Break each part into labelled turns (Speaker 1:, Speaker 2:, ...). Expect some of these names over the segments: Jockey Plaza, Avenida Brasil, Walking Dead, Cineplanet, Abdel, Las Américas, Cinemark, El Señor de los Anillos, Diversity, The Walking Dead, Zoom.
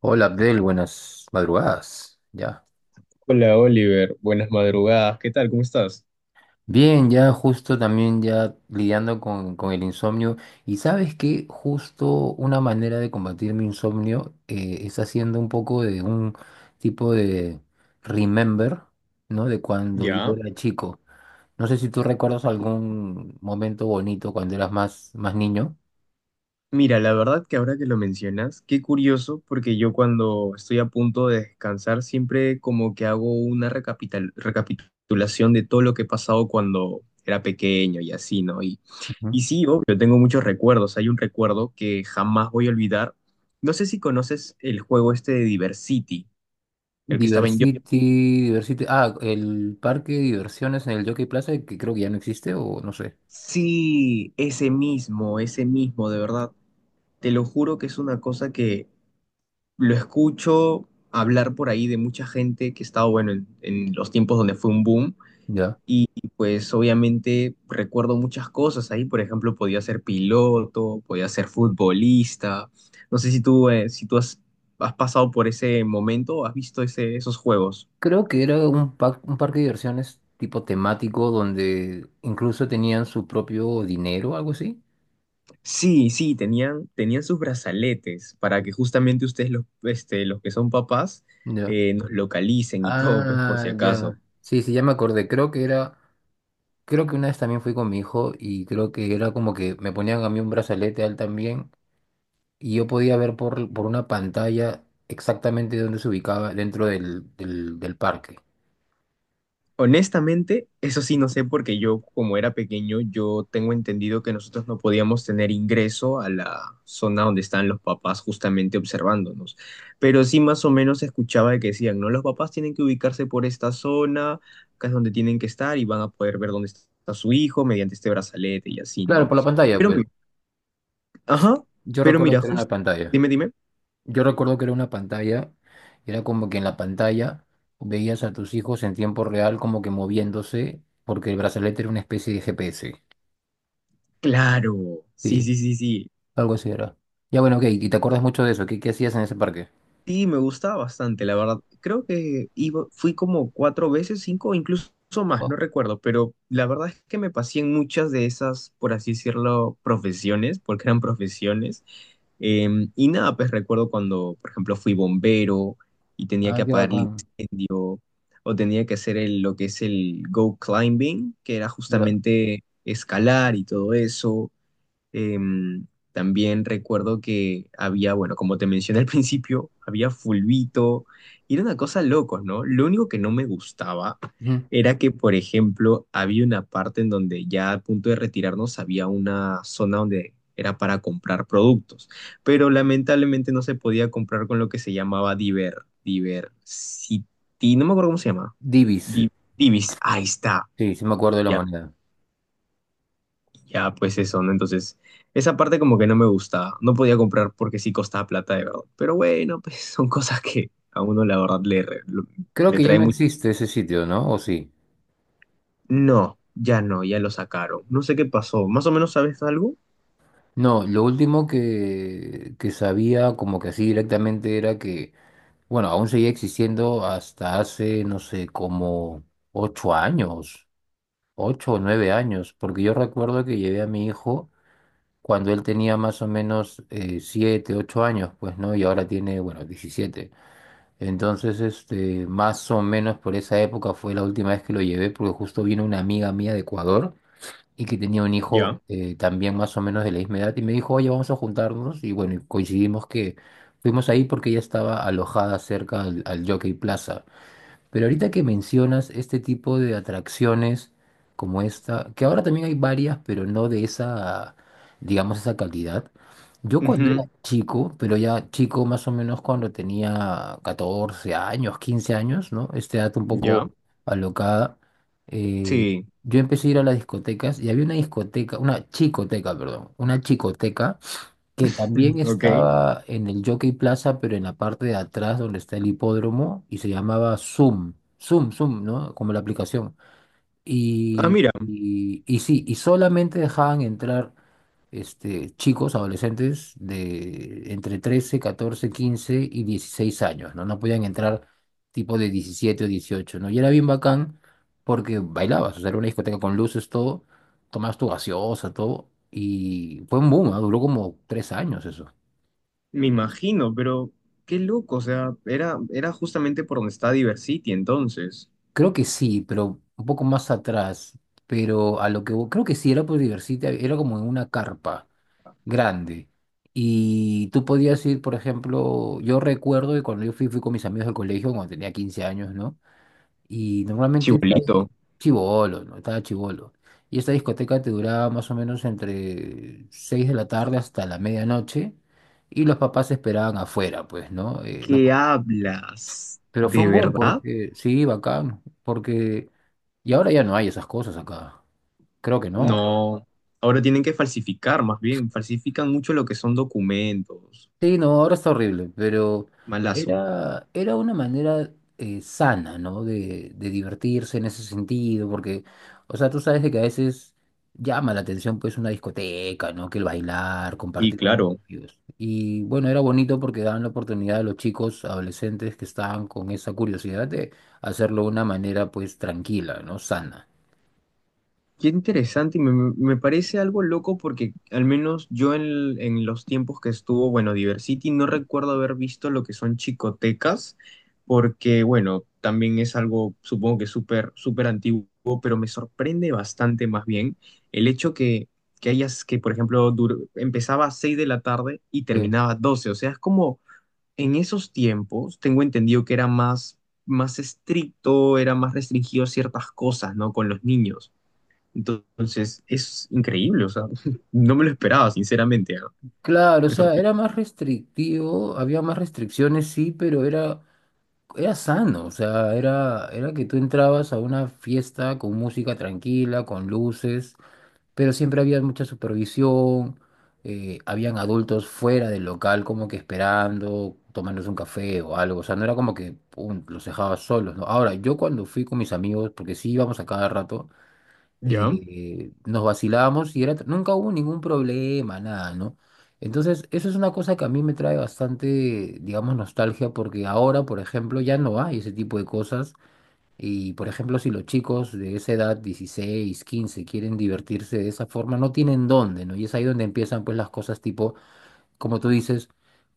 Speaker 1: Hola Abdel, buenas madrugadas. Ya.
Speaker 2: Hola Oliver, buenas madrugadas, ¿qué tal? ¿Cómo estás?
Speaker 1: Bien, ya justo también ya lidiando con el insomnio. Y sabes que justo una manera de combatir mi insomnio es haciendo un poco de un tipo de remember, ¿no? De cuando yo
Speaker 2: Ya.
Speaker 1: era chico. No sé si tú recuerdas algún momento bonito cuando eras más niño.
Speaker 2: Mira, la verdad que ahora que lo mencionas, qué curioso, porque yo cuando estoy a punto de descansar siempre como que hago una recapitulación de todo lo que he pasado cuando era pequeño y así, ¿no? Y,
Speaker 1: Ujú.
Speaker 2: y sí, obvio, tengo muchos recuerdos. Hay un recuerdo que jamás voy a olvidar. No sé si conoces el juego este de Diversity, el que estaba en yo.
Speaker 1: Diversity, Diversity. Ah, el parque de diversiones en el Jockey Plaza que creo que ya no existe o no sé.
Speaker 2: Sí, ese mismo, de verdad. Te lo juro que es una cosa que lo escucho hablar por ahí de mucha gente que estaba, bueno, en los tiempos donde fue un boom.
Speaker 1: Ya.
Speaker 2: Y pues obviamente recuerdo muchas cosas ahí. Por ejemplo, podía ser piloto, podía ser futbolista. No sé si tú, si tú has, has pasado por ese momento o has visto ese, esos juegos.
Speaker 1: Creo que era un parque de diversiones tipo temático donde incluso tenían su propio dinero, algo así.
Speaker 2: Sí, sí, tenían, tenían sus brazaletes para que justamente ustedes, los, los que son papás,
Speaker 1: Ya.
Speaker 2: nos localicen y todo, pues por si
Speaker 1: Ah,
Speaker 2: acaso.
Speaker 1: ya. Sí, sí, ya me acordé. Creo que una vez también fui con mi hijo y creo que era como que me ponían a mí un brazalete a él también y yo podía ver por una pantalla exactamente dónde se ubicaba dentro del del parque.
Speaker 2: Honestamente, eso sí no sé porque yo como era pequeño, yo tengo entendido que nosotros no podíamos tener ingreso a la zona donde están los papás justamente observándonos. Pero sí más o menos escuchaba de que decían, no, los papás tienen que ubicarse por esta zona, acá es donde tienen que estar y van a poder ver dónde está su hijo mediante este brazalete y así,
Speaker 1: Claro,
Speaker 2: ¿no?
Speaker 1: por la pantalla,
Speaker 2: Pero,
Speaker 1: pues.
Speaker 2: ajá,
Speaker 1: Yo
Speaker 2: pero
Speaker 1: recuerdo
Speaker 2: mira,
Speaker 1: que era una
Speaker 2: justo,
Speaker 1: pantalla.
Speaker 2: dime, dime.
Speaker 1: Yo recuerdo que era una pantalla, y era como que en la pantalla veías a tus hijos en tiempo real como que moviéndose, porque el brazalete era una especie de GPS.
Speaker 2: Claro, sí,
Speaker 1: Sí,
Speaker 2: sí, sí, sí.
Speaker 1: algo así era. Ya, bueno, ok, y te acuerdas mucho de eso, ¿qué hacías en ese parque?
Speaker 2: Sí, me gustaba bastante, la verdad. Creo que iba, fui como cuatro veces, cinco, o incluso más, no
Speaker 1: Wow.
Speaker 2: recuerdo, pero la verdad es que me pasé en muchas de esas, por así decirlo, profesiones, porque eran profesiones. Y nada, pues recuerdo cuando, por ejemplo, fui bombero y tenía
Speaker 1: Ah,
Speaker 2: que
Speaker 1: qué bacán.
Speaker 2: o tenía que hacer lo que es el go climbing, que era
Speaker 1: Ya.
Speaker 2: justamente escalar y todo eso. Em, También recuerdo que había, bueno, como te mencioné al principio, había fulbito y era una cosa locos, ¿no? Lo único que no me gustaba
Speaker 1: Ujú.
Speaker 2: era que, por ejemplo, había una parte en donde ya a punto de retirarnos había una zona donde era para comprar productos, pero lamentablemente no se podía comprar con lo que se llamaba Diver, Diversity, no me acuerdo cómo se llama,
Speaker 1: Divis.
Speaker 2: Di- Divis, ahí está.
Speaker 1: Sí, sí me acuerdo de la moneda.
Speaker 2: Ya, pues eso, ¿no? Entonces, esa parte como que no me gustaba. No podía comprar porque sí costaba plata, de verdad. Pero bueno, pues son cosas que a uno la verdad
Speaker 1: Creo
Speaker 2: le
Speaker 1: que ya
Speaker 2: trae
Speaker 1: no
Speaker 2: mucho.
Speaker 1: existe ese sitio, ¿no? ¿O sí?
Speaker 2: No, ya no, ya lo sacaron. No sé qué pasó. ¿Más o menos sabes algo?
Speaker 1: No, lo último que sabía como que así directamente era que bueno, aún seguía existiendo hasta hace, no sé, como 8 años, 8 o 9 años, porque yo recuerdo que llevé a mi hijo cuando él tenía más o menos 7, 8 años, pues, ¿no? Y ahora tiene, bueno, 17. Entonces, este, más o menos por esa época fue la última vez que lo llevé, porque justo vino una amiga mía de Ecuador y que tenía un hijo
Speaker 2: Ya,
Speaker 1: también más o menos de la misma edad y me dijo, oye, vamos a juntarnos y bueno, y coincidimos que fuimos ahí porque ella estaba alojada cerca al Jockey Plaza. Pero ahorita que mencionas este tipo de atracciones como esta, que ahora también hay varias, pero no de esa, digamos, esa calidad. Yo cuando era
Speaker 2: ujú,
Speaker 1: chico, pero ya chico más o menos cuando tenía 14 años, 15 años, ¿no? Este dato un
Speaker 2: ya,
Speaker 1: poco alocada, eh,
Speaker 2: sí,
Speaker 1: yo empecé a ir a las discotecas y había una discoteca, una chicoteca, perdón, una chicoteca que también
Speaker 2: ok.
Speaker 1: estaba en el Jockey Plaza, pero en la parte de atrás donde está el hipódromo, y se llamaba Zoom, Zoom, Zoom, ¿no? Como la aplicación.
Speaker 2: Ah,
Speaker 1: Y,
Speaker 2: mira,
Speaker 1: y, y sí, y solamente dejaban entrar este, chicos, adolescentes de entre 13, 14, 15 y 16 años, ¿no? No podían entrar tipo de 17 o 18, ¿no? Y era bien bacán porque bailabas, o sea, era una discoteca con luces, todo, tomabas tu gaseosa, todo, y fue un boom, ¿ah? Duró como 3 años eso.
Speaker 2: me imagino, pero qué loco, o sea, era, era justamente por donde está Diversity entonces.
Speaker 1: Creo que sí, pero un poco más atrás, pero a lo que vo- creo que sí era por divertirte, era como en una carpa grande. Y tú podías ir, por ejemplo, yo recuerdo que cuando yo fui, fui con mis amigos del colegio, cuando tenía 15 años, ¿no? Y normalmente estaba
Speaker 2: Chibolito.
Speaker 1: chivolo, ¿no? Estaba chivolo. Y esta discoteca te duraba más o menos entre 6 de la tarde hasta la medianoche. Y los papás esperaban afuera, pues, ¿no?
Speaker 2: ¿Qué hablas?
Speaker 1: Pero fue
Speaker 2: ¿De
Speaker 1: un boom
Speaker 2: verdad?
Speaker 1: porque, sí, bacán, porque... Y ahora ya no hay esas cosas acá. Creo que no.
Speaker 2: No, ahora tienen que falsificar, más bien, falsifican mucho lo que son documentos.
Speaker 1: Sí, no, ahora está horrible, pero
Speaker 2: Malazo.
Speaker 1: era una manera sana, ¿no? De divertirse en ese sentido, porque, o sea, tú sabes de que a veces llama la atención pues una discoteca, ¿no? Que el bailar,
Speaker 2: Y
Speaker 1: compartir con
Speaker 2: claro,
Speaker 1: ellos. Y bueno, era bonito porque daban la oportunidad a los chicos adolescentes que estaban con esa curiosidad de hacerlo de una manera pues tranquila, ¿no? Sana.
Speaker 2: qué interesante, y me parece algo loco porque al menos yo en los tiempos que estuvo, bueno, Diversity, no recuerdo haber visto lo que son chicotecas, porque bueno, también es algo, supongo que súper, súper antiguo, pero me sorprende bastante más bien el hecho que hayas, que por ejemplo, empezaba a 6 de la tarde y
Speaker 1: Sí.
Speaker 2: terminaba a 12, o sea, es como en esos tiempos tengo entendido que era más, más estricto, era más restringido a ciertas cosas, ¿no? Con los niños. Entonces, es increíble, o sea, no me lo esperaba, sinceramente, ¿no?
Speaker 1: Claro, o
Speaker 2: Me
Speaker 1: sea, era
Speaker 2: sorprende.
Speaker 1: más restrictivo, había más restricciones, sí, pero era sano, o sea, era que tú entrabas a una fiesta con música tranquila, con luces, pero siempre había mucha supervisión, habían adultos fuera del local como que esperando, tomándose un café o algo, o sea, no era como que pum, los dejabas solos, ¿no? Ahora, yo cuando fui con mis amigos, porque sí íbamos a cada rato,
Speaker 2: ¿Ya?
Speaker 1: nos vacilábamos y era, nunca hubo ningún problema, nada, ¿no? Entonces, eso es una cosa que a mí me trae bastante, digamos, nostalgia, porque ahora, por ejemplo, ya no hay ese tipo de cosas. Y, por ejemplo, si los chicos de esa edad, 16, 15 quieren divertirse de esa forma, no tienen dónde, ¿no? Y es ahí donde empiezan, pues, las cosas tipo, como tú dices,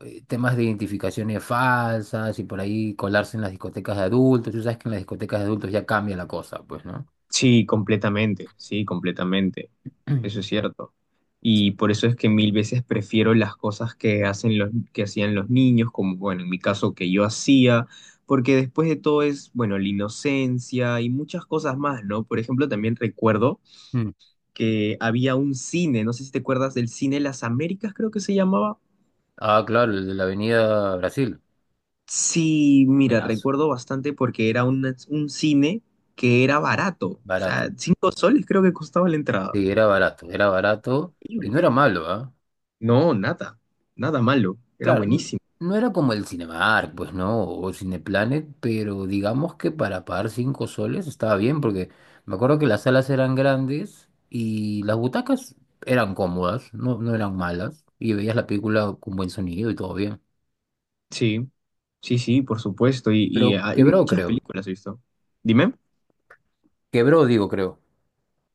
Speaker 1: temas de identificaciones falsas y por ahí colarse en las discotecas de adultos. Tú sabes que en las discotecas de adultos ya cambia la cosa, pues, ¿no?
Speaker 2: Sí, completamente, sí, completamente. Eso es cierto. Y por eso es que mil veces prefiero las cosas que hacen los, que hacían los niños, como, bueno, en mi caso que yo hacía, porque después de todo es, bueno, la inocencia y muchas cosas más, ¿no? Por ejemplo, también recuerdo que había un cine, no sé si te acuerdas del cine Las Américas, creo que se llamaba.
Speaker 1: Ah, claro, el de la Avenida Brasil.
Speaker 2: Sí, mira,
Speaker 1: Buenazo,
Speaker 2: recuerdo bastante porque era un cine que era barato, o sea,
Speaker 1: barato.
Speaker 2: 5 soles creo que costaba la entrada.
Speaker 1: Sí, era barato y no era
Speaker 2: Increíble.
Speaker 1: malo, ¿ah?
Speaker 2: No, nada, nada malo, era
Speaker 1: Claro, n-
Speaker 2: buenísimo.
Speaker 1: no era como el Cinemark, pues no, o Cineplanet, pero digamos que para pagar 5 soles estaba bien, porque me acuerdo que las salas eran grandes y las butacas eran cómodas, no, no eran malas, y veías la película con buen sonido y todo bien.
Speaker 2: Sí, sí, sí, por supuesto, y
Speaker 1: Pero
Speaker 2: hay
Speaker 1: quebró,
Speaker 2: muchas
Speaker 1: creo.
Speaker 2: películas, ¿has visto? Dime.
Speaker 1: Quebró, digo, creo.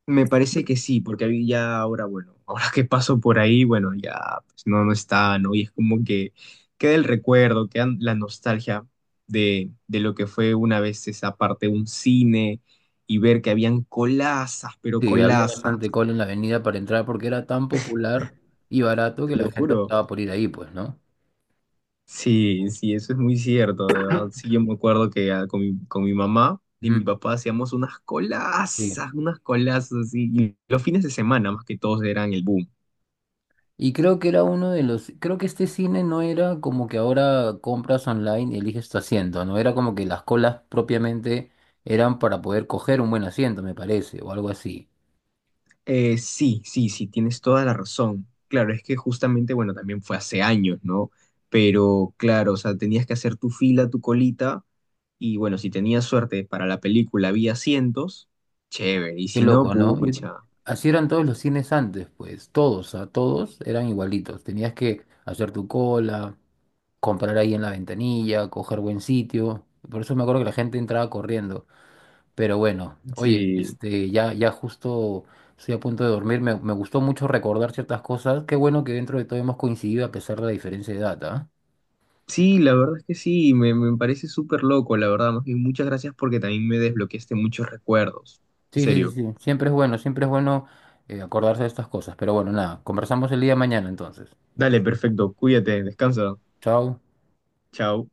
Speaker 2: Me parece que sí, porque ahí ya ahora, bueno, ahora que paso por ahí, bueno, ya pues, no, no está, ¿no? Y es como que queda el recuerdo, queda la nostalgia de lo que fue una vez esa parte, un cine, y ver que habían colazas, pero
Speaker 1: Sí, había
Speaker 2: colazas,
Speaker 1: bastante cola en la avenida para entrar porque era tan popular y barato que
Speaker 2: te
Speaker 1: la
Speaker 2: lo
Speaker 1: gente
Speaker 2: juro.
Speaker 1: optaba por ir ahí, pues, ¿no?
Speaker 2: Sí, sí, eso es muy cierto, de verdad. Sí, yo me acuerdo que ah, con mi mamá y mi
Speaker 1: Ujú.
Speaker 2: papá hacíamos
Speaker 1: Sí.
Speaker 2: unas colazas así, y los fines de semana más que todos eran el boom.
Speaker 1: Y creo que era uno de los, creo que este cine no era como que ahora compras online y eliges tu asiento, no era como que las colas propiamente eran para poder coger un buen asiento, me parece, o algo así.
Speaker 2: Sí, sí, sí, tienes toda la razón. Claro, es que justamente, bueno, también fue hace años, ¿no? Pero claro, o sea, tenías que hacer tu fila, tu colita, y bueno, si tenías suerte para la película había asientos, chévere, y
Speaker 1: Qué
Speaker 2: si no,
Speaker 1: loco, ¿no?
Speaker 2: pucha.
Speaker 1: Así eran todos los cines antes, pues, todos, a todos eran igualitos. Tenías que hacer tu cola, comprar ahí en la ventanilla, coger buen sitio. Por eso me acuerdo que la gente entraba corriendo. Pero bueno, oye,
Speaker 2: Sí,
Speaker 1: este, ya, ya justo estoy a punto de dormir. Me gustó mucho recordar ciertas cosas. Qué bueno que dentro de todo hemos coincidido a pesar de la diferencia de edad, ¿ah?
Speaker 2: sí, la verdad es que sí, me parece súper loco, la verdad, más bien muchas gracias porque también me desbloqueaste muchos recuerdos. En
Speaker 1: Sí, sí, sí,
Speaker 2: serio.
Speaker 1: sí. Siempre es bueno acordarse de estas cosas. Pero bueno, nada, conversamos el día de mañana entonces.
Speaker 2: Dale, perfecto, cuídate, descansa.
Speaker 1: Chao.
Speaker 2: Chao.